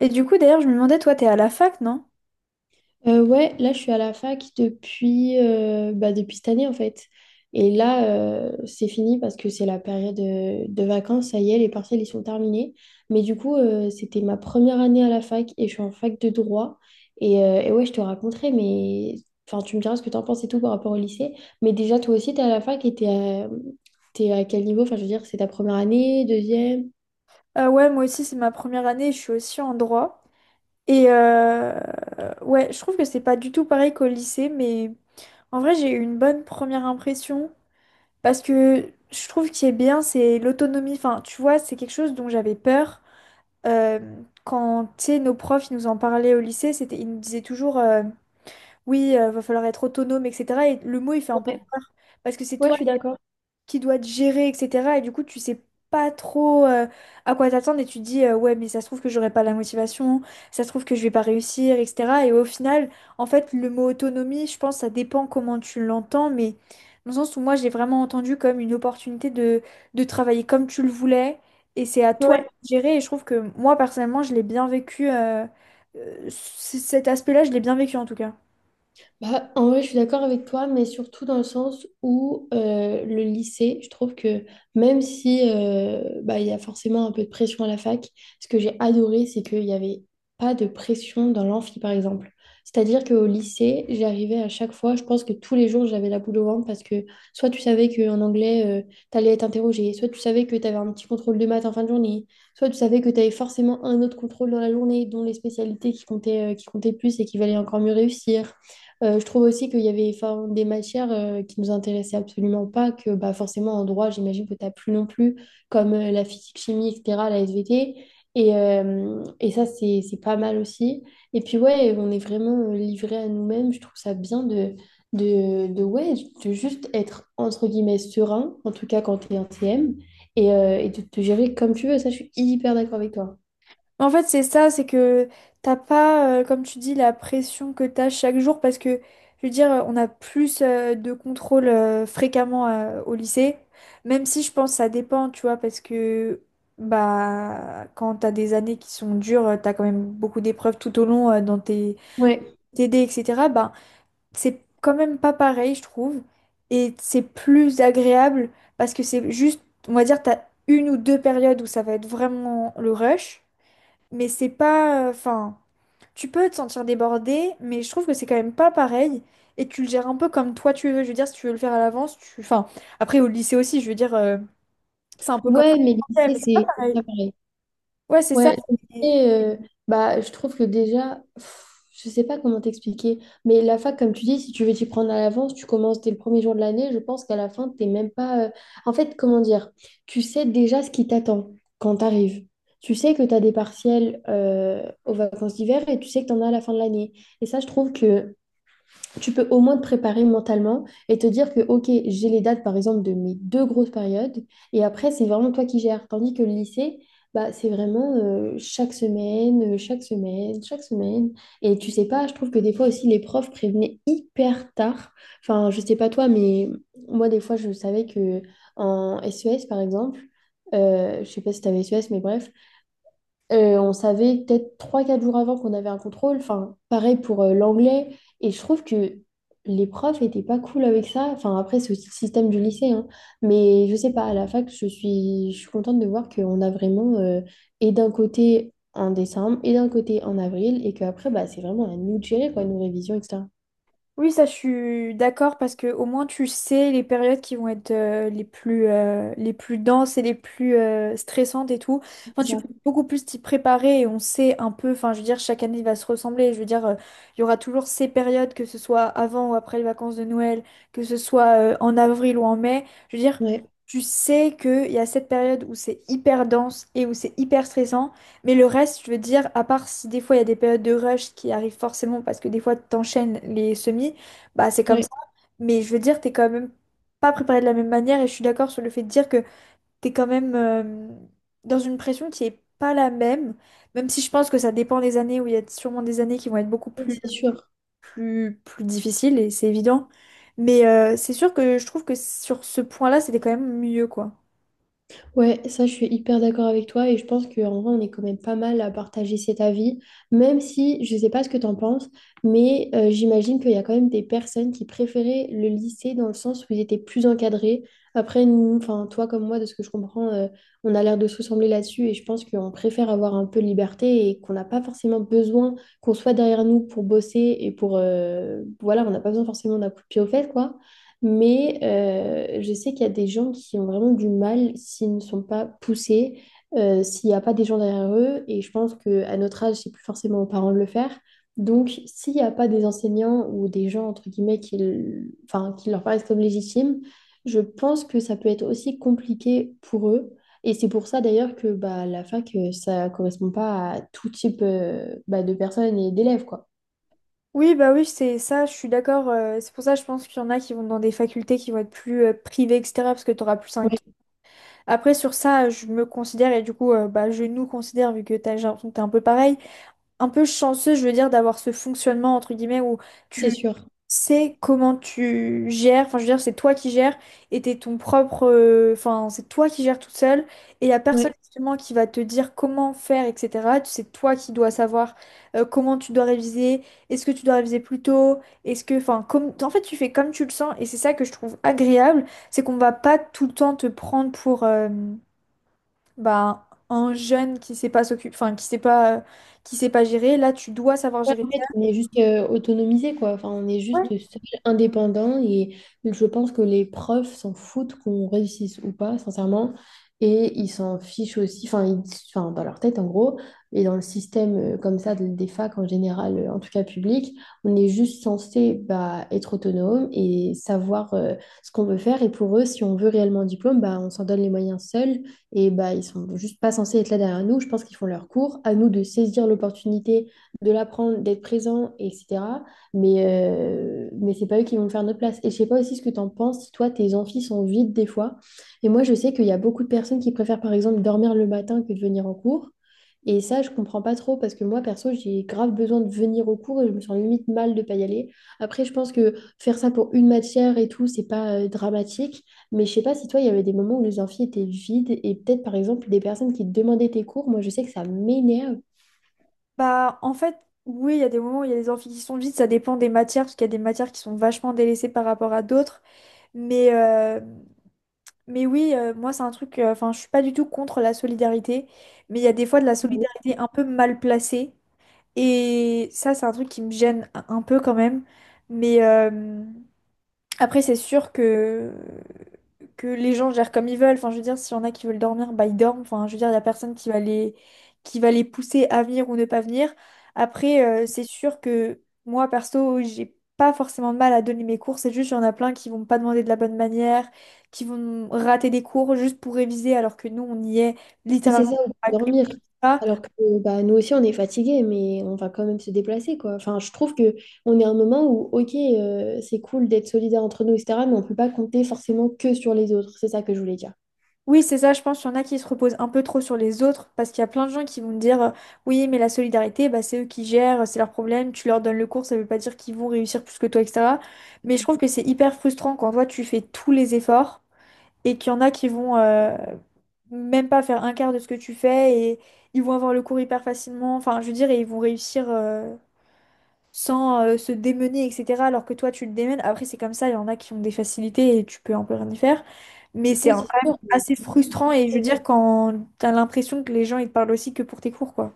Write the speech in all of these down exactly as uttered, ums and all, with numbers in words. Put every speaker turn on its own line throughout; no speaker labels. Et du coup, d'ailleurs, je me demandais, toi, t'es à la fac, non?
Euh, ouais, là je suis à la fac depuis, euh, bah, depuis cette année en fait. Et là euh, c'est fini parce que c'est la période euh, de vacances, ça y est, les partiels ils sont terminés. Mais du coup euh, c'était ma première année à la fac et je suis en fac de droit. Et, euh, et ouais, je te raconterai, mais enfin tu me diras ce que t'en penses et tout par rapport au lycée. Mais déjà toi aussi t'es à la fac et t'es à... t'es à quel niveau? Enfin je veux dire, c'est ta première année, deuxième?
Ah ouais, moi aussi, c'est ma première année, je suis aussi en droit. Et euh, ouais, je trouve que c'est pas du tout pareil qu'au lycée, mais en vrai, j'ai eu une bonne première impression parce que je trouve qu'il est bien, c'est l'autonomie. Enfin, tu vois, c'est quelque chose dont j'avais peur. Euh, Quand, tu sais, nos profs, ils nous en parlaient au lycée, c'était, ils nous disaient toujours, euh, oui, euh, va falloir être autonome, et cetera. Et le mot, il fait un peu
Ouais,
peur parce que c'est
ouais, je
toi
suis d'accord.
qui doit te gérer, et cetera. Et du coup, tu sais pas trop euh, à quoi t'attendre et tu te dis, euh, ouais, mais ça se trouve que j'aurai pas la motivation, ça se trouve que je vais pas réussir, et cetera. Et au final, en fait, le mot autonomie, je pense, ça dépend comment tu l'entends, mais dans le sens où moi, j'ai vraiment entendu comme une opportunité de, de travailler comme tu le voulais et c'est à toi de
Ouais.
gérer. Et je trouve que moi, personnellement, je l'ai bien vécu, euh, euh, c- cet aspect-là, je l'ai bien vécu en tout cas.
Bah, en vrai, je suis d'accord avec toi, mais surtout dans le sens où euh, le lycée, je trouve que même si euh, bah, il y a forcément un peu de pression à la fac, ce que j'ai adoré, c'est qu'il n'y avait pas de pression dans l'amphi, par exemple. C'est-à-dire qu'au lycée, j'arrivais à chaque fois, je pense que tous les jours, j'avais la boule au ventre parce que soit tu savais qu'en anglais, tu allais être interrogé, soit tu savais que tu avais un petit contrôle de maths en fin de journée, soit tu savais que tu avais forcément un autre contrôle dans la journée, dont les spécialités qui comptaient, euh, qui comptaient plus et qui valaient encore mieux réussir. Euh, je trouve aussi qu'il y avait enfin, des matières euh, qui nous intéressaient absolument pas, que bah, forcément en droit, j'imagine que tu n'as plus non plus, comme euh, la physique, chimie, et cetera, la S V T. Et, euh, et ça, c'est, c'est pas mal aussi. Et puis ouais, on est vraiment euh, livré à nous-mêmes. Je trouve ça bien de, de, de, ouais, de juste être, entre guillemets, serein, en tout cas quand tu es en T M, et, euh, et de te gérer comme tu veux. Ça, je suis hyper d'accord avec toi.
En fait, c'est ça, c'est que t'as pas, euh, comme tu dis, la pression que t'as chaque jour parce que, je veux dire, on a plus euh, de contrôle euh, fréquemment euh, au lycée, même si je pense que ça dépend, tu vois, parce que bah quand t'as des années qui sont dures, euh, t'as quand même beaucoup d'épreuves tout au long euh, dans tes
Ouais,
T D, et cetera. Bah c'est quand même pas pareil, je trouve, et c'est plus agréable parce que c'est juste, on va dire, t'as une ou deux périodes où ça va être vraiment le rush. Mais c'est pas. Enfin, tu peux te sentir débordé, mais je trouve que c'est quand même pas pareil. Et tu le gères un peu comme toi tu veux. Je veux dire, si tu veux le faire à l'avance, tu. Enfin, après, au lycée aussi, je veux dire, euh, c'est un peu comme.
ouais, mais le
Mais
lycée,
c'est pas
c'est c'est
pareil.
pas pareil.
Ouais, c'est ça.
Ouais, je me disais, euh, bah, je trouve que déjà, pff, je sais pas comment t'expliquer, mais la fac, comme tu dis, si tu veux t'y prendre à l'avance, tu commences dès le premier jour de l'année, je pense qu'à la fin, t'es même pas... euh, En fait, comment dire, tu sais déjà ce qui t'attend quand t'arrives. Tu sais que t'as des partiels euh, aux vacances d'hiver et tu sais que t'en as à la fin de l'année. Et ça, je trouve que tu peux au moins te préparer mentalement et te dire que, OK, j'ai les dates, par exemple, de mes deux grosses périodes, et après, c'est vraiment toi qui gères. Tandis que le lycée, bah, c'est vraiment euh, chaque semaine, euh, chaque semaine, chaque semaine. Et tu sais pas, je trouve que des fois aussi, les profs prévenaient hyper tard. Enfin, je sais pas toi, mais moi, des fois, je savais que en S E S, par exemple, euh, je sais pas si tu avais S E S, mais bref, euh, on savait peut-être trois quatre jours avant qu'on avait un contrôle. Enfin, pareil pour euh, l'anglais. Et je trouve que les profs étaient pas cool avec ça. Enfin, après, c'est aussi le système du lycée, hein. Mais je sais pas, à la fac, je suis, je suis contente de voir qu'on a vraiment, euh, et d'un côté en décembre, et d'un côté en avril, et qu'après, bah, c'est vraiment à nous de gérer, quoi, nos révisions, et cetera.
Oui, ça, je suis d'accord parce que au moins tu sais les périodes qui vont être euh, les plus, euh, les plus denses et les plus euh, stressantes et tout. Enfin,
C'est
tu
ça.
peux beaucoup plus t'y préparer et on sait un peu. Enfin, je veux dire, chaque année il va se ressembler. Je veux dire, euh, il y aura toujours ces périodes, que ce soit avant ou après les vacances de Noël, que ce soit euh, en avril ou en mai. Je veux dire,
Ouais,
tu sais qu'il y a cette période où c'est hyper dense et où c'est hyper stressant. Mais le reste, je veux dire, à part si des fois il y a des périodes de rush qui arrivent forcément parce que des fois t'enchaînes les semis, bah c'est comme
ouais,
ça. Mais je veux dire, t'es quand même pas préparé de la même manière et je suis d'accord sur le fait de dire que t'es quand même euh, dans une pression qui est pas la même, même si je pense que ça dépend des années où il y a sûrement des années qui vont être beaucoup
oui,
plus,
c'est sûr.
plus, plus difficiles et c'est évident. Mais euh, c'est sûr que je trouve que sur ce point-là, c'était quand même mieux quoi.
Ouais, ça, je suis hyper d'accord avec toi et je pense qu'en vrai, on est quand même pas mal à partager cet avis, même si je sais pas ce que t'en penses, mais euh, j'imagine qu'il y a quand même des personnes qui préféraient le lycée dans le sens où ils étaient plus encadrés. Après, nous, enfin, toi comme moi, de ce que je comprends, euh, on a l'air de se ressembler là-dessus et je pense qu'on préfère avoir un peu de liberté et qu'on n'a pas forcément besoin qu'on soit derrière nous pour bosser et pour... euh, voilà, on n'a pas besoin forcément d'un coup de pied aux fesses, quoi. Mais euh, je sais qu'il y a des gens qui ont vraiment du mal s'ils ne sont pas poussés, euh, s'il n'y a pas des gens derrière eux. Et je pense qu'à notre âge, c'est plus forcément aux parents de le faire. Donc, s'il n'y a pas des enseignants ou des gens, entre guillemets, qui, le- enfin, qui leur paraissent comme légitimes, je pense que ça peut être aussi compliqué pour eux. Et c'est pour ça d'ailleurs que bah, la fac, euh, ça ne correspond pas à tout type euh, bah, de personnes et d'élèves, quoi.
Oui, bah oui, c'est ça, je suis d'accord. Euh, c'est pour ça, je pense qu'il y en a qui vont dans des facultés qui vont être plus euh, privées, et cetera. Parce que tu auras plus un...
Oui,
Après, sur ça, je me considère, et du coup, euh, bah, je nous considère, vu que t'as, j'ai l'impression que t'es un peu pareil, un peu chanceux, je veux dire, d'avoir ce fonctionnement, entre guillemets, où
c'est
tu
sûr.
c'est comment tu gères, enfin je veux dire, c'est toi qui gères et t'es ton propre, euh, enfin c'est toi qui gères toute seule et il n'y a personne
Oui.
justement qui va te dire comment faire, et cetera. Tu- C'est toi qui dois savoir euh, comment tu dois réviser, est-ce que tu dois réviser plus tôt, est-ce que, enfin, comme, en fait tu fais comme tu le sens et c'est ça que je trouve agréable, c'est qu'on va pas tout le temps te prendre pour euh, bah, un jeune qui sait pas s'occuper, enfin qui sait pas, qui sait pas gérer, là tu dois savoir
Ouais,
gérer.
en fait, on est juste euh, autonomisé, quoi. Enfin, on est juste seul, indépendant. Et je pense que les profs s'en foutent qu'on réussisse ou pas, sincèrement. Et ils s'en fichent aussi, enfin, ils- enfin, dans leur tête, en gros. Et dans le système euh, comme ça, de- des facs en général, euh, en tout cas public, on est juste censé bah, être autonome et savoir euh, ce qu'on veut faire. Et pour eux, si on veut réellement un diplôme, bah, on s'en donne les moyens seuls. Et bah, ils sont juste pas censés être là derrière nous. Je pense qu'ils font leur cours. À nous de saisir l'opportunité de l'apprendre, d'être présent, et cetera. Mais, euh, mais c'est pas eux qui vont le faire à notre place. Et je sais pas aussi ce que t'en penses, si toi, tes amphis sont vides des fois. Et moi, je sais qu'il y a beaucoup de personnes qui préfèrent, par exemple, dormir le matin que de venir en cours. Et ça, je comprends pas trop parce que moi, perso, j'ai grave besoin de venir au cours et je me sens limite mal de pas y aller. Après, je pense que faire ça pour une matière et tout, c'est pas euh, dramatique. Mais je sais pas si toi, il y avait des moments où les amphis étaient vides et peut-être, par exemple, des personnes qui te demandaient tes cours. Moi, je sais que ça m'énerve.
Bah, en fait, oui, il y a des moments où il y a des amphis qui sont vides, ça dépend des matières, parce qu'il y a des matières qui sont vachement délaissées par rapport à d'autres. Mais, euh, mais oui, euh, moi, c'est un truc, euh, enfin, je suis pas du tout contre la solidarité, mais il y a des fois de la solidarité un peu mal placée. Et ça, c'est un truc qui me gêne un un peu quand même. Mais, euh, Après, c'est sûr que... que les gens gèrent comme ils veulent. Enfin, je veux dire, s'il y en a qui veulent dormir, bah ils dorment. Enfin, je veux dire, il n'y a personne qui va les... qui va les pousser à venir ou ne pas venir. Après, euh, c'est sûr que moi, perso, j'ai pas forcément de mal à donner mes cours. C'est juste, il y en a plein qui vont pas demander de la bonne manière, qui vont rater des cours juste pour réviser, alors que nous, on y est
Oui, c'est ça,
littéralement.
on peut dormir.
Pour...
Alors que bah, nous aussi, on est fatigué, mais on va quand même se déplacer, quoi. Enfin, je trouve que on est à un moment où, OK, euh, c'est cool d'être solidaire entre nous, et cetera, mais on ne peut pas compter forcément que sur les autres. C'est ça que je voulais dire.
Oui, c'est ça, je pense qu'il y en a qui se reposent un peu trop sur les autres, parce qu'il y a plein de gens qui vont me dire, euh, oui, mais la solidarité, bah, c'est eux qui gèrent, c'est leur problème, tu leur donnes le cours, ça veut pas dire qu'ils vont réussir plus que toi, et cetera. Mais je trouve que c'est hyper frustrant quand toi, tu fais tous les efforts et qu'il y en a qui vont euh, même pas faire un quart de ce que tu fais et ils vont avoir le cours hyper facilement, enfin, je veux dire, et ils vont réussir. euh, sans euh, se démener, et cetera. Alors que toi, tu le démènes. Après, c'est comme ça, il y en a qui ont des facilités et tu peux un peu rien y faire. Mais c'est
Oui,
un-
c'est
quand même
sûr.
assez
mais-
frustrant et je veux dire, quand t'as l'impression que les gens, ils te parlent aussi que pour tes cours, quoi.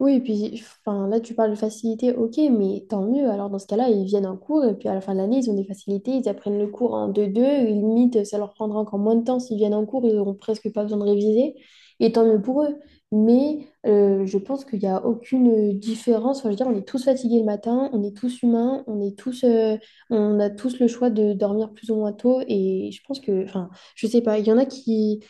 Oui, et puis enfin, là, tu parles de facilité, ok, mais tant mieux. Alors, dans ce cas-là, ils viennent en cours et puis à la fin de l'année, ils ont des facilités, ils apprennent le cours en deux deux et limite, ça leur prendra encore moins de temps s'ils viennent en cours, ils n'auront presque pas besoin de réviser. Et tant mieux pour eux. Mais euh, je pense qu'il n'y a aucune différence. Enfin, je veux dire, on est tous fatigués le matin, on est tous humains, on est tous, euh, on a tous le choix de dormir plus ou moins tôt. Et je pense que, enfin, je sais pas, il y en a qui.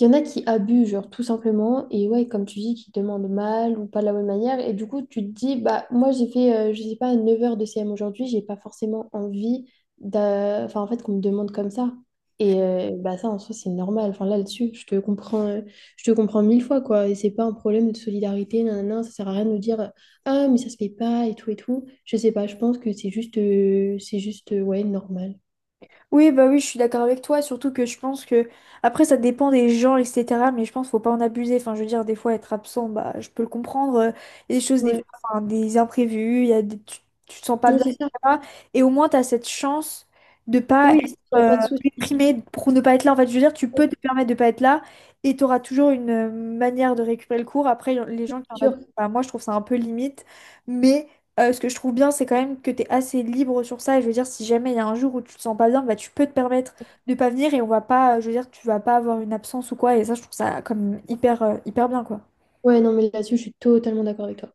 Il y en a qui abusent, genre, tout simplement, et ouais, comme tu dis, qui demandent mal ou pas de la bonne manière, et du coup, tu te dis, bah, moi, j'ai fait, euh, je sais pas, neuf heures de C M aujourd'hui, j'ai pas forcément envie d'a- enfin, en fait, qu'on me demande comme ça. Et euh, bah, ça, en soi, c'est normal. Enfin, là-dessus, je te comprends, euh, je te comprends mille fois, quoi, et c'est pas un problème de solidarité, nanana, ça sert à rien de nous dire, ah, mais ça se fait pas, et tout, et tout. Je sais pas, je pense que c'est juste, euh, c'est juste, euh, ouais, normal.
Oui, bah oui, je suis d'accord avec toi, surtout que je pense que, après, ça dépend des gens, et cetera, mais je pense qu'il faut pas en abuser. Enfin, je veux dire, des fois, être absent, bah, je peux le comprendre. Euh, Il y a des choses, des fois,
Ouais,
enfin, des imprévus, il y a des- tu, tu te sens pas
non
bien,
c'est ça.
et cetera. Et au moins, tu as cette chance de pas être
Oui, il n'y a
euh,
pas de souci.
déprimé pour ne pas être là. En fait, je veux dire, tu peux te permettre de pas être là et tu auras toujours une euh, manière de récupérer le cours. Après, y en- les gens qui en abusent, bah, moi, je trouve ça un peu limite, mais euh, ce que je trouve bien, c'est quand même que tu es assez libre sur ça. Et je veux dire, si jamais il y a un jour où tu te sens pas bien, bah, tu peux te permettre de pas venir et on va pas, euh, je veux dire, tu vas pas avoir une absence ou quoi. Et ça, je trouve ça comme hyper, euh, hyper bien, quoi.
Ouais, non, mais là-dessus, je suis totalement d'accord avec toi.